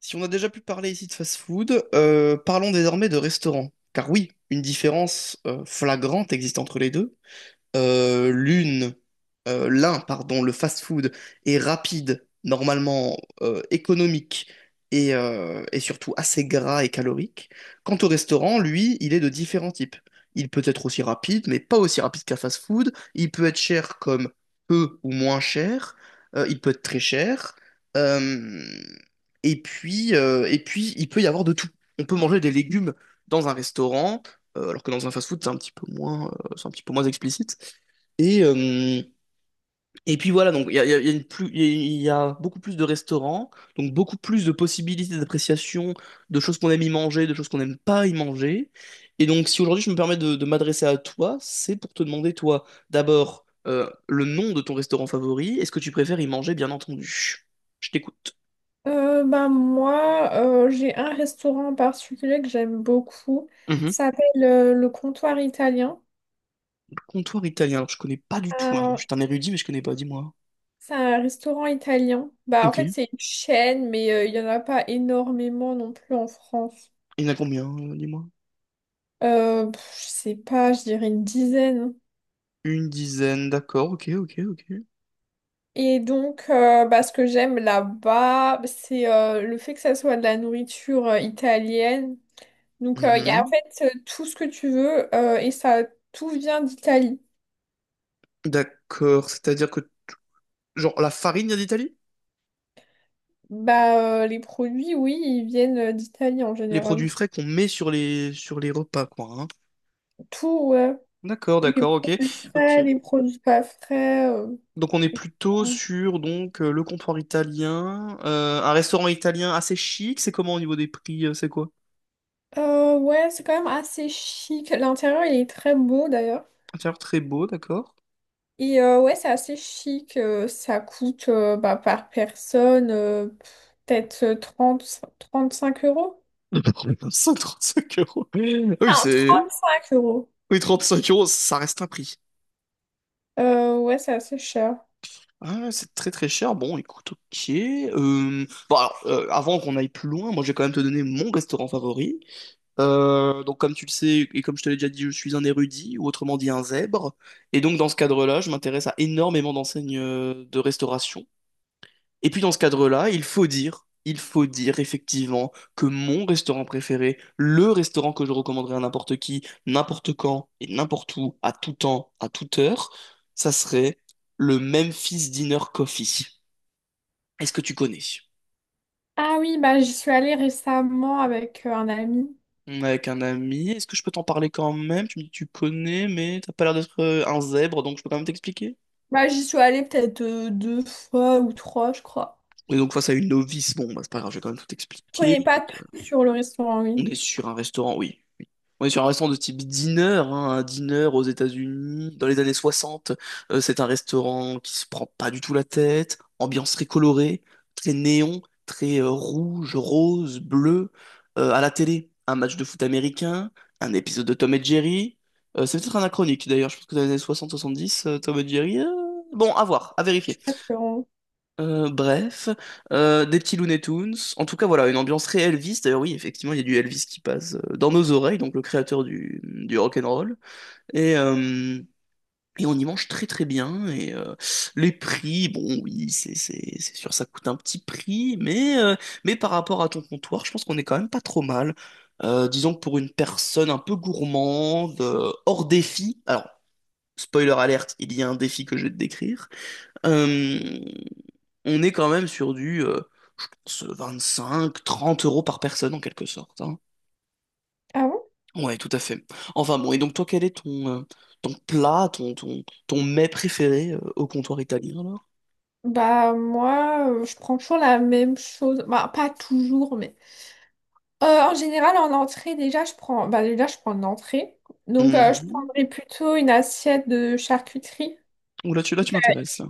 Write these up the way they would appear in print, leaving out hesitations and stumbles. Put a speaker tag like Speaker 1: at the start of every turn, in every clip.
Speaker 1: Si on a déjà pu parler ici de fast-food, parlons désormais de restaurants. Car oui, une différence flagrante existe entre les deux l'une, l'un, pardon, le fast-food est rapide, normalement, économique et surtout assez gras et calorique. Quant au restaurant, lui, il est de différents types. Il peut être aussi rapide, mais pas aussi rapide qu'un fast-food. Il peut être cher comme peu ou moins cher. Il peut être très cher. Euh, et puis, il peut y avoir de tout. On peut manger des légumes dans un restaurant, alors que dans un fast-food, c'est un petit peu moins explicite. Et, euh, et puis voilà, donc il y a une plus, il y a beaucoup plus de restaurants, donc beaucoup plus de possibilités d'appréciation de choses qu'on aime y manger, de choses qu'on n'aime pas y manger. Et donc si aujourd'hui je me permets de m'adresser à toi, c'est pour te demander, toi, d'abord, le nom de ton restaurant favori et ce que tu préfères y manger, bien entendu. Je t'écoute.
Speaker 2: Bah, moi, j'ai un restaurant en particulier que j'aime beaucoup.
Speaker 1: Mhm.
Speaker 2: Ça s'appelle le Comptoir Italien.
Speaker 1: Le comptoir italien, alors je connais pas du tout, hein.
Speaker 2: Euh,
Speaker 1: Je suis un érudit, mais je connais pas, dis-moi.
Speaker 2: c'est un restaurant italien. Bah, en
Speaker 1: Ok.
Speaker 2: fait,
Speaker 1: Il
Speaker 2: c'est une chaîne, mais il n'y en a pas énormément non plus en France.
Speaker 1: y en a combien, dis-moi?
Speaker 2: Je sais pas, je dirais une dizaine.
Speaker 1: Une dizaine, d'accord, ok, ok, ok.
Speaker 2: Et donc, bah, ce que j'aime là-bas, bah, c'est le fait que ça soit de la nourriture italienne. Donc, il y a en
Speaker 1: Mhm.
Speaker 2: fait tout ce que tu veux et ça, tout vient d'Italie.
Speaker 1: D'accord, c'est-à-dire que, genre, la farine vient d'Italie?
Speaker 2: Bah, les produits, oui, ils viennent d'Italie en
Speaker 1: Les
Speaker 2: général.
Speaker 1: produits frais qu'on met sur les repas, quoi, hein.
Speaker 2: Tout, ouais.
Speaker 1: D'accord,
Speaker 2: Les
Speaker 1: d'accord, ok,
Speaker 2: produits
Speaker 1: ok.
Speaker 2: frais, les produits pas frais.
Speaker 1: Donc on est plutôt sur donc le comptoir italien, un restaurant italien assez chic. C'est comment au niveau des prix? C'est quoi?
Speaker 2: Ouais, c'est quand même assez chic. L'intérieur, il est très beau d'ailleurs.
Speaker 1: Intérieur très beau, d'accord.
Speaker 2: Et ouais, c'est assez chic. Ça coûte bah, par personne peut-être trente cinq euros.
Speaker 1: 135 euros. Oui,
Speaker 2: Ah,
Speaker 1: c'est.
Speaker 2: 35 euros.
Speaker 1: Oui, 35 euros, ça reste un prix.
Speaker 2: Ouais, c'est assez cher.
Speaker 1: Ah, c'est très très cher. Bon, écoute, ok. Bon, alors, avant qu'on aille plus loin, moi je vais quand même te donner mon restaurant favori. Donc, comme tu le sais, et comme je te l'ai déjà dit, je suis un érudit, ou autrement dit un zèbre. Et donc, dans ce cadre-là, je m'intéresse à énormément d'enseignes de restauration. Et puis, dans ce cadre-là, il faut dire effectivement que mon restaurant préféré, le restaurant que je recommanderais à n'importe qui, n'importe quand et n'importe où, à tout temps, à toute heure, ça serait le Memphis Dinner Coffee. Est-ce que tu connais?
Speaker 2: Ah oui, bah j'y suis allée récemment avec un ami.
Speaker 1: On est avec un ami. Est-ce que je peux t'en parler quand même? Tu me dis que tu connais, mais t'as pas l'air d'être un zèbre, donc je peux quand même t'expliquer.
Speaker 2: Bah j'y suis allée peut-être deux fois ou trois, je crois.
Speaker 1: Et donc face à une novice, bon, bah, c'est pas grave, je vais quand même tout
Speaker 2: Je
Speaker 1: t'expliquer.
Speaker 2: connais pas
Speaker 1: Donc,
Speaker 2: tout sur le restaurant,
Speaker 1: on
Speaker 2: oui.
Speaker 1: est sur un restaurant, oui. On est sur un restaurant de type diner, hein, un diner aux États-Unis, dans les années 60. C'est un restaurant qui se prend pas du tout la tête, ambiance très colorée, très néon, très rouge, rose, bleu. À la télé, un match de foot américain, un épisode de Tom et Jerry. C'est peut-être anachronique d'ailleurs, je pense que dans les années 60-70, Tom et Jerry. Bon, à voir, à
Speaker 2: Je
Speaker 1: vérifier.
Speaker 2: suis pas sûre. Hein.
Speaker 1: Bref, des petits Looney Tunes. En tout cas, voilà, une ambiance très Elvis. D'ailleurs, oui, effectivement, il y a du Elvis qui passe dans nos oreilles, donc le créateur du rock'n'roll. Et, euh, et on y mange très très bien. Les prix, bon, oui, c'est sûr, ça coûte un petit prix, mais par rapport à ton comptoir, je pense qu'on est quand même pas trop mal. Disons que pour une personne un peu gourmande, hors défi, alors, spoiler alerte, il y a un défi que je vais te décrire. Euh, on est quand même sur du, je pense, 25, 30 euros par personne en quelque sorte, hein.
Speaker 2: Ah bon?
Speaker 1: Ouais, tout à fait. Enfin bon, et donc toi, quel est ton plat, ton mets préféré au comptoir italien alors?
Speaker 2: Bah moi, je prends toujours la même chose. Bah pas toujours, mais en général en entrée déjà je prends. Bah déjà je prends une entrée. Donc je
Speaker 1: Mhm.
Speaker 2: prendrais plutôt une assiette de charcuterie.
Speaker 1: Ouh, là, tu m'intéresses. Là,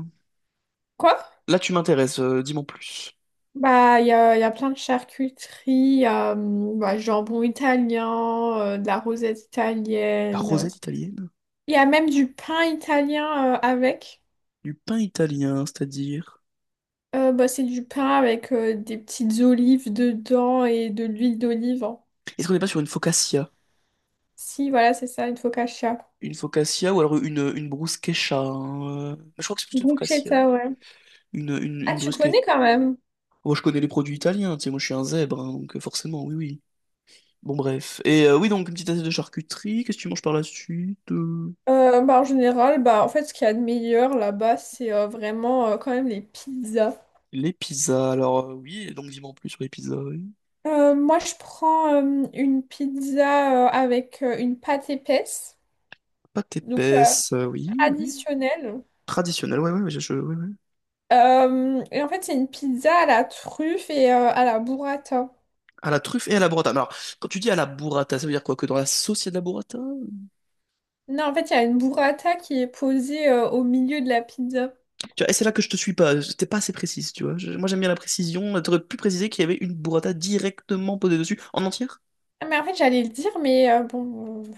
Speaker 2: Quoi?
Speaker 1: Là, tu m'intéresses, dis-moi en plus.
Speaker 2: Bah, il y a plein de charcuteries, bah, jambon italien, de la rosette
Speaker 1: La
Speaker 2: italienne.
Speaker 1: rosette italienne?
Speaker 2: Il y a même du pain italien avec.
Speaker 1: Du pain italien, c'est-à-dire?
Speaker 2: Bah, c'est du pain avec des petites olives dedans et de l'huile d'olive.
Speaker 1: Est-ce qu'on n'est pas sur une focaccia?
Speaker 2: Si, voilà, c'est ça, une focaccia.
Speaker 1: Une focaccia ou alors une bruschetta, hein? Je crois que c'est plutôt une focaccia.
Speaker 2: Bruschetta, ouais.
Speaker 1: Une, une,
Speaker 2: Ah,
Speaker 1: une
Speaker 2: tu
Speaker 1: bruschetta.
Speaker 2: connais quand même?
Speaker 1: Moi, je connais les produits italiens, tu sais, moi, je suis un zèbre, hein, donc forcément, oui, oui. Bon, bref. Et oui, donc, une petite assiette de charcuterie. Qu'est-ce que tu manges par la suite?
Speaker 2: Bah, en général, bah, en fait, ce qu'il y a de meilleur là-bas, c'est vraiment quand même les pizzas.
Speaker 1: Les pizzas. Alors, oui, donc, dis-moi en plus sur les pizzas, oui.
Speaker 2: Moi, je prends une pizza avec une pâte épaisse,
Speaker 1: Pâte
Speaker 2: donc
Speaker 1: épaisse, oui, oui.
Speaker 2: traditionnelle.
Speaker 1: Traditionnelle, ouais, ouais, ouais, ouais, ouais.
Speaker 2: Et en fait, c'est une pizza à la truffe et à la burrata.
Speaker 1: À la truffe et à la burrata. Mais alors, quand tu dis à la burrata, ça veut dire quoi? Que dans la sauce, il y a de la burrata?
Speaker 2: Non, en fait, il y a une burrata qui est posée au milieu de la pizza.
Speaker 1: Tu vois, et c'est là que je te suis pas. T'es pas assez précise, tu vois. Moi, j'aime bien la précision. T'aurais pu préciser qu'il y avait une burrata directement posée dessus, en entière?
Speaker 2: Ah, mais en fait, j'allais le dire, mais bon,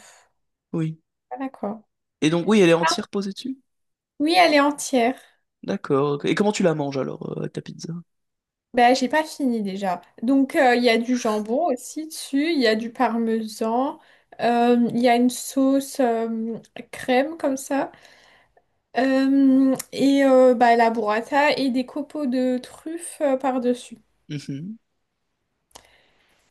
Speaker 1: Oui.
Speaker 2: voilà quoi.
Speaker 1: Et donc, oui, elle est
Speaker 2: Ah,
Speaker 1: entière posée dessus?
Speaker 2: Oui, elle est entière.
Speaker 1: D'accord, ok. Et comment tu la manges alors, avec ta pizza?
Speaker 2: Ben, j'ai pas fini déjà. Donc, il y a du jambon aussi dessus, il y a du parmesan, il y a une sauce crème comme ça. Et bah, la burrata et des copeaux de truffes par-dessus.
Speaker 1: Mhm.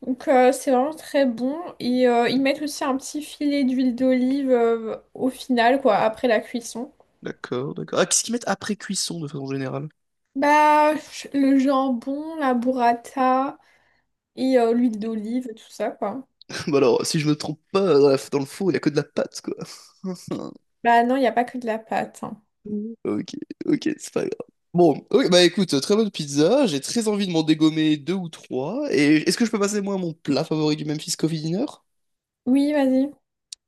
Speaker 2: Donc c'est vraiment très bon. Et ils mettent aussi un petit filet d'huile d'olive au final, quoi, après la cuisson.
Speaker 1: D'accord, d'accord. Ah, qu'est-ce qu'ils mettent après cuisson de façon générale?
Speaker 2: Bah, le jambon, la burrata et l'huile d'olive, tout ça, quoi.
Speaker 1: Bah alors, si je me trompe pas, dans le four, il y a que de la pâte, quoi.
Speaker 2: Bah non, il n'y a pas que de la pâte. Hein.
Speaker 1: Ok, ok, c'est pas grave. Bon, ok, bah écoute, très bonne pizza, j'ai très envie de m'en dégommer deux ou trois, et est-ce que je peux passer moi à mon plat favori du Memphis Coffee Dinner?
Speaker 2: Oui, vas-y.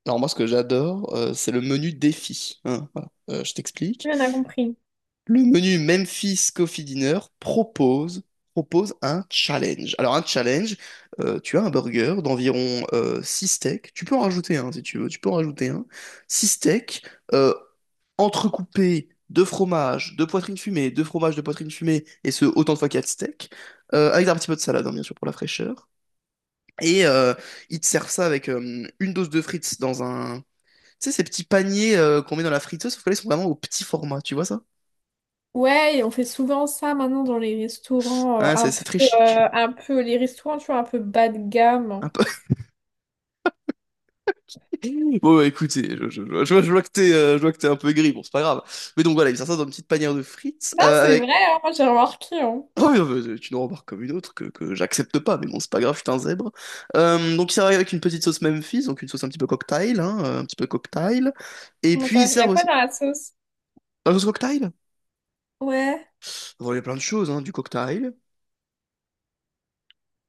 Speaker 1: Alors moi ce que j'adore, c'est le menu défi, hein, voilà. Je t'explique.
Speaker 2: Oui, on a compris.
Speaker 1: Le menu Memphis Coffee Dinner propose, propose un challenge. Alors, un challenge, tu as un burger d'environ 6 steaks. Tu peux en rajouter un si tu veux, tu peux en rajouter un. Six steaks euh, entrecoupés de fromage, de poitrine fumée, de fromage de poitrine fumée, et ce autant de fois qu'il y a de steaks, avec un petit peu de salade, hein, bien sûr, pour la fraîcheur. Et euh, Ils te servent ça avec une dose de frites dans un. Tu sais, ces petits paniers qu'on met dans la friteuse, sauf que là, ils sont vraiment au petit format, tu vois ça?
Speaker 2: Ouais, et on fait souvent ça maintenant dans les restaurants,
Speaker 1: Ouais, c'est très chic.
Speaker 2: un peu, les restaurants, tu vois, un peu bas de
Speaker 1: Un
Speaker 2: gamme.
Speaker 1: peu, bon, bah, écoutez, je vois, je vois que t'es, je vois que t'es un peu aigri, bon, c'est pas grave. Mais donc voilà, il sert ça dans une petite panière de frites
Speaker 2: Non, c'est
Speaker 1: avec.
Speaker 2: vrai, hein, moi j'ai remarqué. Hein.
Speaker 1: Oh, non, mais, c'est une remarque comme une autre que j'accepte pas, mais bon, c'est pas grave, je suis un zèbre. Donc, ils servent avec une petite sauce Memphis, donc une sauce un petit peu cocktail, hein, un petit peu cocktail. Et
Speaker 2: Comment
Speaker 1: puis,
Speaker 2: ça?
Speaker 1: ils
Speaker 2: Il y a
Speaker 1: servent
Speaker 2: quoi
Speaker 1: aussi.
Speaker 2: dans la sauce?
Speaker 1: La sauce cocktail?
Speaker 2: Ouais.
Speaker 1: Bon, il y a plein de choses, hein, du cocktail.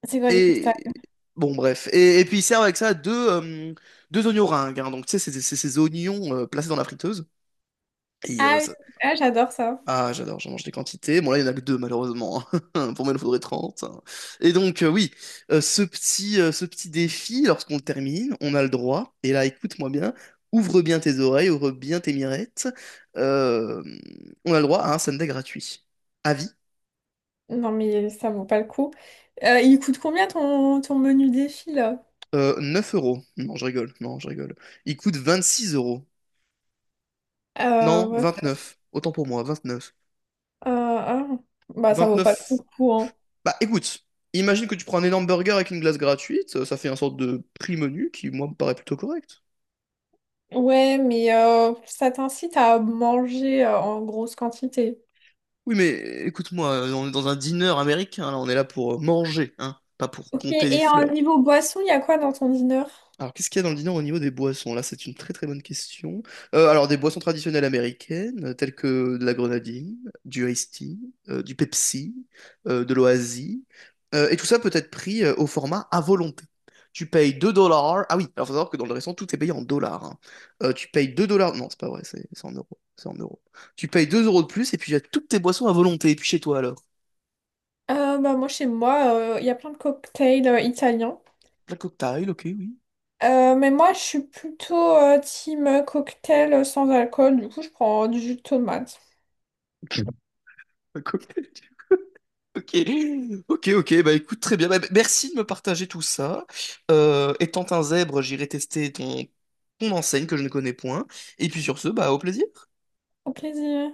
Speaker 2: C'est quoi du
Speaker 1: Et.
Speaker 2: cocktail?
Speaker 1: Bon, bref. Et puis, ils servent avec ça deux oignons ringues, hein. Donc tu sais, c'est ces oignons placés dans la friteuse. Et euh,
Speaker 2: Ah oui,
Speaker 1: ça,
Speaker 2: ah, j'adore ça.
Speaker 1: Ah, j'adore, j'en mange des quantités. Bon, là, il n'y en a que deux, malheureusement. Pour moi, il en faudrait 30. Et donc, euh, oui, Ce petit, ce petit défi, lorsqu'on le termine, on a le droit. Et là, écoute-moi bien, ouvre bien tes oreilles, ouvre bien tes mirettes. Euh, on a le droit à un sundae gratuit. Avis,
Speaker 2: Non, mais ça vaut pas le coup. Il coûte combien ton, menu défi là?
Speaker 1: 9 euros. Non, je rigole, non, je rigole. Il coûte 26 euros. Non,
Speaker 2: Ouais,
Speaker 1: 29. Autant pour moi, 29.
Speaker 2: ah. Bah, ça vaut pas trop
Speaker 1: 29.
Speaker 2: le coup. Hein.
Speaker 1: Bah écoute, imagine que tu prends un énorme burger avec une glace gratuite, ça fait un sorte de prix menu qui, moi, me paraît plutôt correct.
Speaker 2: Ouais, mais ça t'incite à manger en grosse quantité.
Speaker 1: Oui, mais écoute-moi, on est dans un dîner américain, là, on est là pour manger, hein, pas pour
Speaker 2: Ok,
Speaker 1: compter des
Speaker 2: et en
Speaker 1: fleurs.
Speaker 2: niveau boisson, il y a quoi dans ton dîner?
Speaker 1: Alors, qu'est-ce qu'il y a dans le dîner au niveau des boissons? Là, c'est une très très bonne question. Alors, des boissons traditionnelles américaines, telles que de la grenadine, du iced tea, du Pepsi, de l'Oasis, et tout ça peut être pris au format à volonté. Tu payes 2 dollars. Ah oui, alors faut savoir que dans le restaurant, tout est payé en dollars, hein. Tu payes 2 dollars. Non, c'est pas vrai, c'est en euros. C'est en euros. Tu payes 2 euros de plus et puis tu as toutes tes boissons à volonté. Et puis chez toi alors?
Speaker 2: Bah, moi, chez moi, il y a plein de cocktails italiens.
Speaker 1: Un cocktail, ok, oui.
Speaker 2: Mais moi, je suis plutôt team cocktail sans alcool. Du coup, je prends du jus de tomate.
Speaker 1: Un cocktail. Ok, ok, ok, bah écoute, très bien. Bah, merci de me partager tout ça. Étant un zèbre, j'irai tester ton enseigne que je ne connais point. Et puis sur ce, bah au plaisir.
Speaker 2: Au plaisir.